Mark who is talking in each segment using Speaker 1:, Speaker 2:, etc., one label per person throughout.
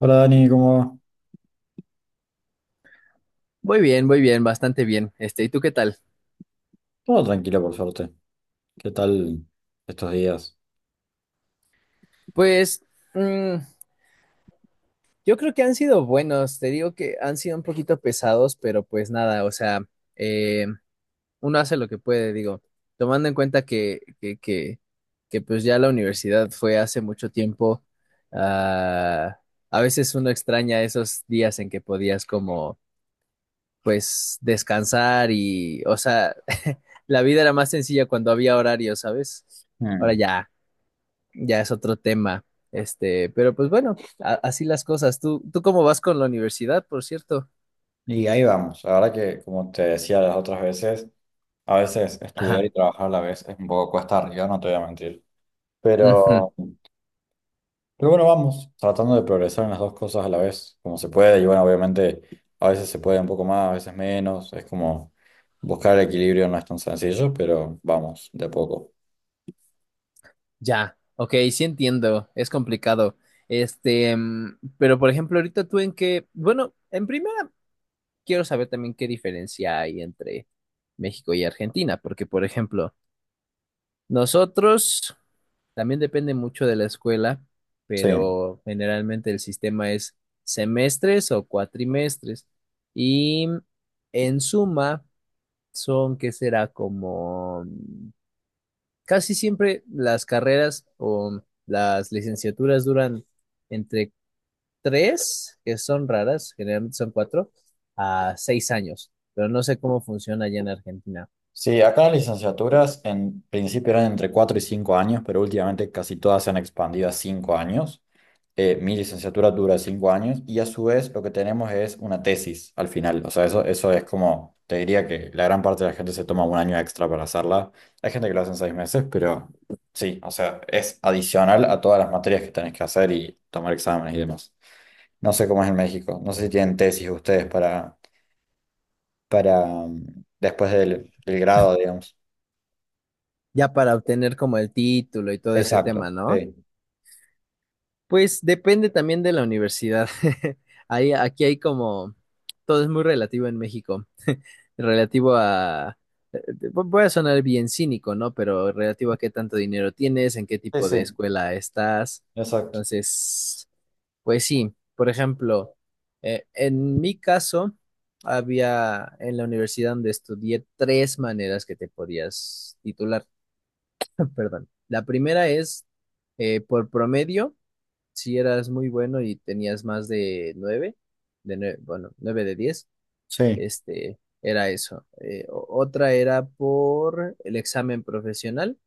Speaker 1: Hola Dani, ¿cómo va?
Speaker 2: Muy bien, bastante bien. ¿Y tú qué tal?
Speaker 1: Todo tranquilo por suerte. ¿Qué tal estos días?
Speaker 2: Pues mm, yo creo que han sido buenos, te digo que han sido un poquito pesados, pero pues nada, o sea, eh, uno hace lo que puede, digo, tomando en cuenta que pues ya la universidad fue hace mucho tiempo. ah, a veces uno extraña esos días en que podías como pues descansar y, o sea, la vida era más sencilla cuando había horario, ¿sabes? Ahora
Speaker 1: Mm.
Speaker 2: ya, ya es otro tema. Pero pues bueno, así las cosas. ¿Tú cómo vas con la universidad, por cierto?
Speaker 1: Y ahí vamos. La verdad que, como te decía las otras veces, a veces estudiar
Speaker 2: Ajá.
Speaker 1: y trabajar a la vez es un poco cuesta arriba, no te voy a mentir.
Speaker 2: Ujú.
Speaker 1: Pero, pero bueno, vamos, tratando de progresar en las dos cosas a la vez, como se puede. Y bueno, obviamente, a veces se puede un poco más, a veces menos. Es como buscar el equilibrio no es tan sencillo, pero vamos, de a poco.
Speaker 2: Ya. Ok, sí entiendo. Es complicado. Pero por ejemplo, ahorita tú en qué, bueno, en primera quiero saber también qué diferencia hay entre México y Argentina, porque por ejemplo, nosotros también depende mucho de la escuela,
Speaker 1: Sí.
Speaker 2: pero generalmente el sistema es semestres o cuatrimestres. Y en suma, son que será como casi siempre las carreras o las licenciaturas duran entre tres, que son raras, generalmente son cuatro, a 6 años. Pero no sé cómo funciona allá en Argentina.
Speaker 1: Sí, acá las licenciaturas en principio eran entre 4 y 5 años, pero últimamente casi todas se han expandido a 5 años. Mi licenciatura dura 5 años y a su vez lo que tenemos es una tesis al final. O sea, eso es como, te diría que la gran parte de la gente se toma un año extra para hacerla. Hay gente que lo hace en 6 meses, pero sí, o sea, es adicional a todas las materias que tenés que hacer y tomar exámenes y demás. No sé cómo es en México, no sé si tienen tesis ustedes para, para después del grado, digamos.
Speaker 2: Ya para obtener como el título y todo ese
Speaker 1: Exacto,
Speaker 2: tema, ¿no?
Speaker 1: sí.
Speaker 2: Pues depende también de la universidad. Ahí, aquí hay como, todo es muy relativo en México, relativo a, eh, voy a sonar bien cínico, ¿no? Pero relativo a qué tanto dinero tienes, en qué
Speaker 1: Sí,
Speaker 2: tipo de
Speaker 1: sí,
Speaker 2: escuela estás.
Speaker 1: exacto.
Speaker 2: Entonces, pues sí, por ejemplo, en mi caso, había en la universidad donde estudié tres maneras que te podías titular. Perdón. La primera es por promedio si eras muy bueno y tenías más de nueve, bueno, nueve de diez,
Speaker 1: Sí,
Speaker 2: era eso. Otra era por el examen profesional,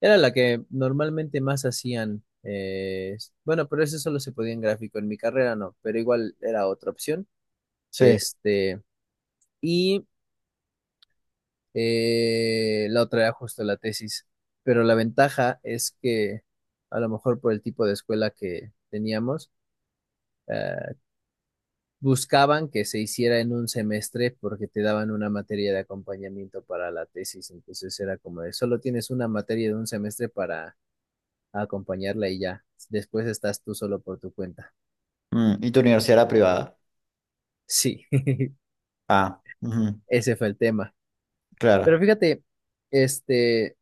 Speaker 2: era la que normalmente más hacían. Bueno, pero eso solo se podía en gráfico, en mi carrera no, pero igual era otra opción.
Speaker 1: sí.
Speaker 2: Este, y la otra era justo la tesis, pero la ventaja es que a lo mejor por el tipo de escuela que teníamos, eh, buscaban que se hiciera en un semestre porque te daban una materia de acompañamiento para la tesis, entonces era como de solo tienes una materia de un semestre para acompañarla y ya, después estás tú solo por tu cuenta.
Speaker 1: ¿Y tu universidad era privada?
Speaker 2: Sí,
Speaker 1: Ah, ujú,
Speaker 2: ese fue el tema. Pero
Speaker 1: claro.
Speaker 2: fíjate, este,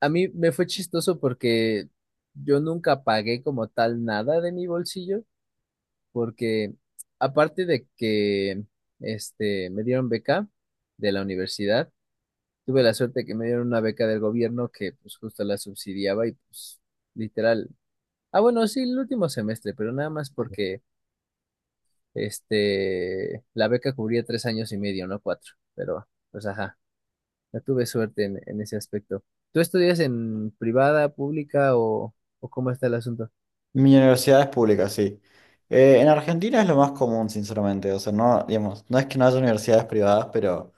Speaker 2: a mí me fue chistoso porque yo nunca pagué como tal nada de mi bolsillo, porque aparte de que, me dieron beca de la universidad, tuve la suerte que me dieron una beca del gobierno que pues justo la subsidiaba y pues literal. Ah, bueno, sí, el último semestre, pero nada más porque la beca cubría 3 años y medio, no 4. Pero, pues ajá, no tuve suerte en ese aspecto. ¿Tú estudias en privada, pública o cómo está el asunto?
Speaker 1: Mi universidad es pública, sí. En Argentina es lo más común, sinceramente. O sea, no, digamos, no es que no haya universidades privadas, pero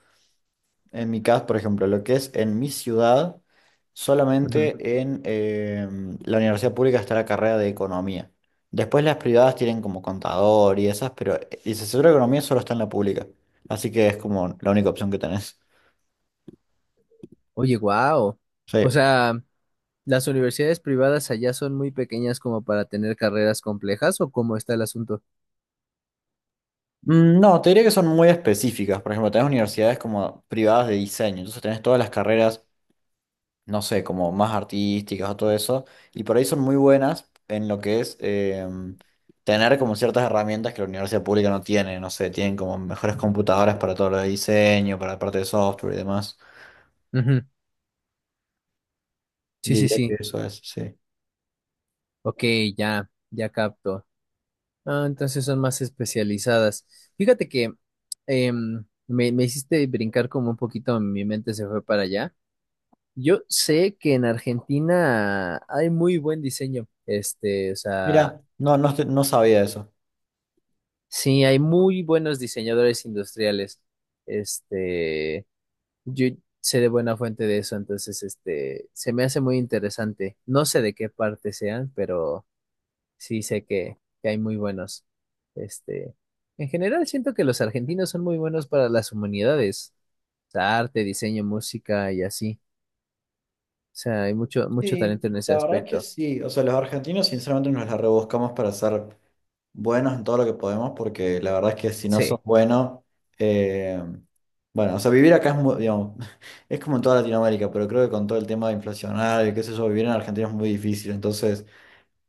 Speaker 1: en mi caso, por ejemplo, lo que es en mi ciudad,
Speaker 2: Ujú.
Speaker 1: solamente en la universidad pública está la carrera de economía. Después las privadas tienen como contador y esas, pero licenciatura de economía solo está en la pública. Así que es como la única opción que tenés.
Speaker 2: Oye, wow.
Speaker 1: Sí.
Speaker 2: O sea, ¿las universidades privadas allá son muy pequeñas como para tener carreras complejas o cómo está el asunto?
Speaker 1: No, te diría que son muy específicas. Por ejemplo, tenés universidades como privadas de diseño, entonces tenés todas las carreras, no sé, como más artísticas o todo eso, y por ahí son muy buenas en lo que es tener como ciertas herramientas que la universidad pública no tiene, no sé, tienen como mejores computadoras para todo lo de diseño, para la parte de software y demás.
Speaker 2: Ujú. Sí, sí,
Speaker 1: Diría que
Speaker 2: sí.
Speaker 1: eso es, sí.
Speaker 2: Ok, ya, ya capto. Ah, entonces son más especializadas. Fíjate que me hiciste brincar como un poquito, mi mente se fue para allá. Yo sé que en Argentina hay muy buen diseño, o sea,
Speaker 1: Mira, no, no, no sabía eso.
Speaker 2: sí, hay muy buenos diseñadores industriales. Este, yo sé de buena fuente de eso, entonces, se me hace muy interesante. No sé de qué parte sean, pero sí sé que hay muy buenos. Este, en general siento que los argentinos son muy buenos para las humanidades, o sea, arte, diseño, música y así. O sea, hay mucho, mucho
Speaker 1: Sí,
Speaker 2: talento en ese
Speaker 1: la verdad es que
Speaker 2: aspecto.
Speaker 1: sí. O sea, los argentinos sinceramente nos la rebuscamos para ser buenos en todo lo que podemos, porque la verdad es que si no sos
Speaker 2: Sí,
Speaker 1: bueno, eh, bueno, o sea, vivir acá es muy, digamos, es como en toda Latinoamérica, pero creo que con todo el tema inflacionario, y qué sé yo, vivir en Argentina es muy difícil. Entonces,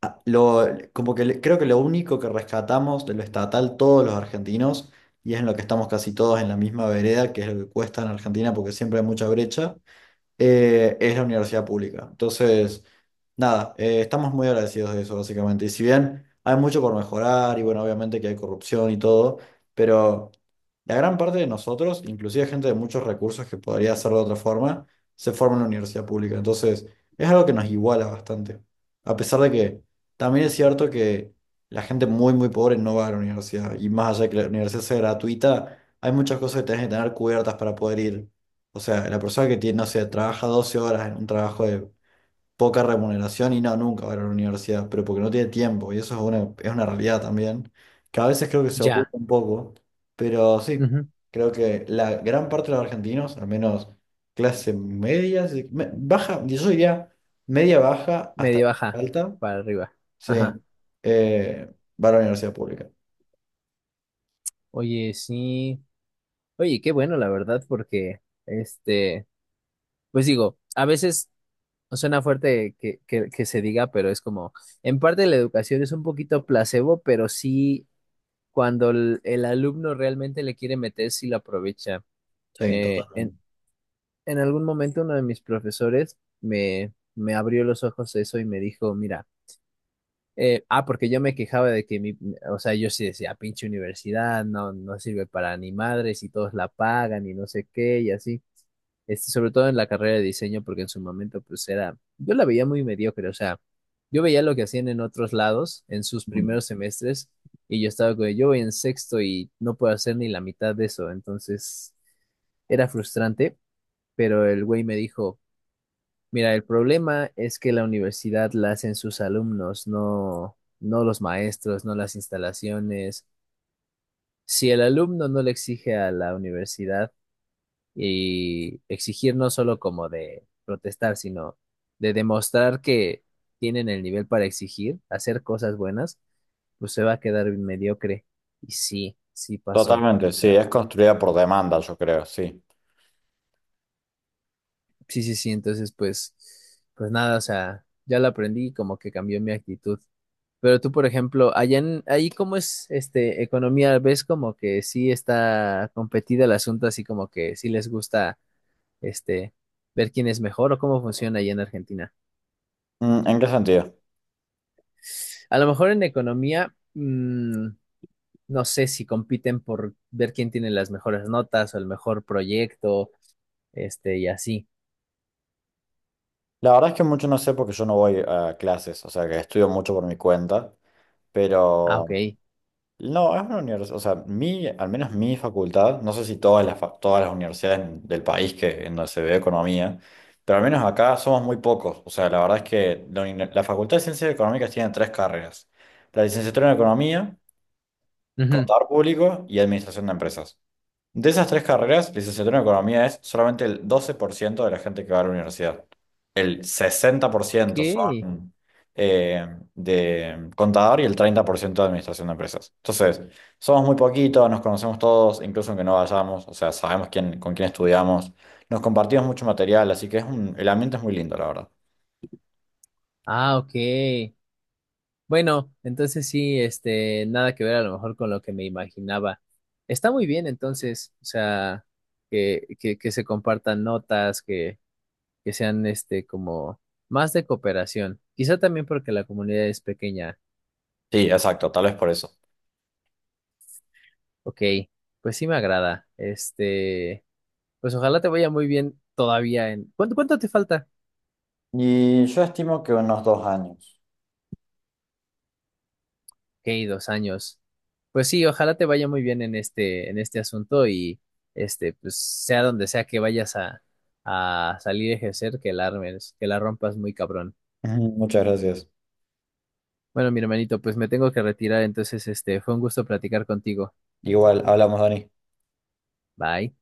Speaker 1: a- lo, como que creo que lo único que rescatamos de lo estatal todos los argentinos, y es en lo que estamos casi todos en la misma vereda, que es lo que cuesta en Argentina, porque siempre hay mucha brecha es la universidad pública. Entonces, nada, estamos muy agradecidos de eso, básicamente. Y si bien hay mucho por mejorar, y bueno, obviamente que hay corrupción y todo, pero la gran parte de nosotros, inclusive gente de muchos recursos que podría hacerlo de otra forma, se forma en la universidad pública. Entonces, es algo que nos iguala bastante. A pesar de que también es cierto que la gente muy, muy pobre no va a la universidad. Y más allá de que la universidad sea gratuita, hay muchas cosas que tenés que tener cubiertas para poder ir. O sea, la persona que tiene, no sé, trabaja 12 horas en un trabajo de poca remuneración y no, nunca va a ir a la universidad, pero porque no tiene tiempo, y eso es una realidad también, que a veces creo que se oculta
Speaker 2: ya.
Speaker 1: un poco, pero sí,
Speaker 2: Ujú.
Speaker 1: creo que la gran parte de los argentinos, al menos clase media, sí, baja, yo diría media baja hasta
Speaker 2: Medio baja,
Speaker 1: alta,
Speaker 2: para arriba.
Speaker 1: sí,
Speaker 2: Ajá.
Speaker 1: eh, va a la universidad pública.
Speaker 2: Oye, sí. Oye, qué bueno, la verdad, porque, pues digo, a veces suena fuerte que se diga, pero es como, en parte la educación es un poquito placebo, pero sí cuando el alumno realmente le quiere meter, sí lo aprovecha.
Speaker 1: Sí,
Speaker 2: Eh, en,
Speaker 1: totalmente.
Speaker 2: en algún momento uno de mis profesores me abrió los ojos a eso y me dijo, mira, porque yo me quejaba de que mi, o sea, yo sí decía, pinche universidad, no, no sirve para ni madres y todos la pagan y no sé qué y así. Sobre todo en la carrera de diseño, porque en su momento pues era, yo la veía muy mediocre, o sea, yo veía lo que hacían en otros lados, en sus
Speaker 1: Mm.
Speaker 2: primeros semestres, y yo estaba como, yo voy en sexto y no puedo hacer ni la mitad de eso, entonces era frustrante, pero el güey me dijo, mira, el problema es que la universidad la hacen sus alumnos, no, no los maestros, no las instalaciones. Si el alumno no le exige a la universidad, y exigir no solo como de protestar, sino de demostrar que tienen el nivel para exigir, hacer cosas buenas, pues se va a quedar mediocre. Y sí, sí pasó.
Speaker 1: Totalmente,
Speaker 2: O
Speaker 1: sí,
Speaker 2: sea,
Speaker 1: es construida por demanda, yo creo, sí.
Speaker 2: sí, sí, sí. Entonces, pues, pues nada, o sea, ya lo aprendí y como que cambió mi actitud. Pero tú, por ejemplo, allá en, ahí cómo es economía, ¿ves como que sí está competida el asunto, así como que sí les gusta este ver quién es mejor o cómo funciona allá en Argentina?
Speaker 1: ¿En qué sentido?
Speaker 2: A lo mejor en economía, no sé si compiten por ver quién tiene las mejores notas o el mejor proyecto, y así.
Speaker 1: La verdad es que mucho no sé porque yo no voy a clases, o sea que estudio mucho por mi cuenta,
Speaker 2: Ah, ok.
Speaker 1: pero no, es una universidad, o sea, mi, al menos mi facultad, no sé si todas todas las universidades del país que, en donde se ve economía, pero al menos acá somos muy pocos, o sea, la verdad es que la Facultad de Ciencias Económicas tiene tres carreras, la licenciatura en Economía,
Speaker 2: Ujú.
Speaker 1: Contador Público y Administración de Empresas. De esas tres carreras, licenciatura en economía es solamente el 12% de la gente que va a la universidad. El sesenta por
Speaker 2: Ok.
Speaker 1: ciento son eh, de contador y el 30% de administración de empresas. Entonces, somos muy poquitos, nos conocemos todos, incluso aunque no vayamos, o sea, sabemos quién, con quién estudiamos, nos compartimos mucho material, así que es un, el ambiente es muy lindo, la verdad.
Speaker 2: Ah, ok. Bueno, entonces sí, nada que ver a lo mejor con lo que me imaginaba. Está muy bien entonces, o sea, que se compartan notas, que sean como más de cooperación. Quizá también porque la comunidad es pequeña.
Speaker 1: Sí, exacto, tal vez por eso.
Speaker 2: Ok, pues sí me agrada. Pues ojalá te vaya muy bien todavía en... cuánto te falta?
Speaker 1: Y yo estimo que unos 2 años.
Speaker 2: Ok, 2 años. Pues sí, ojalá te vaya muy bien en en este asunto y pues sea donde sea que vayas a salir a ejercer, que la armes, que la rompas muy cabrón.
Speaker 1: Ujú, muchas gracias.
Speaker 2: Bueno, mi hermanito, pues me tengo que retirar, entonces fue un gusto platicar contigo.
Speaker 1: Igual, hablamos, Dani.
Speaker 2: Bye.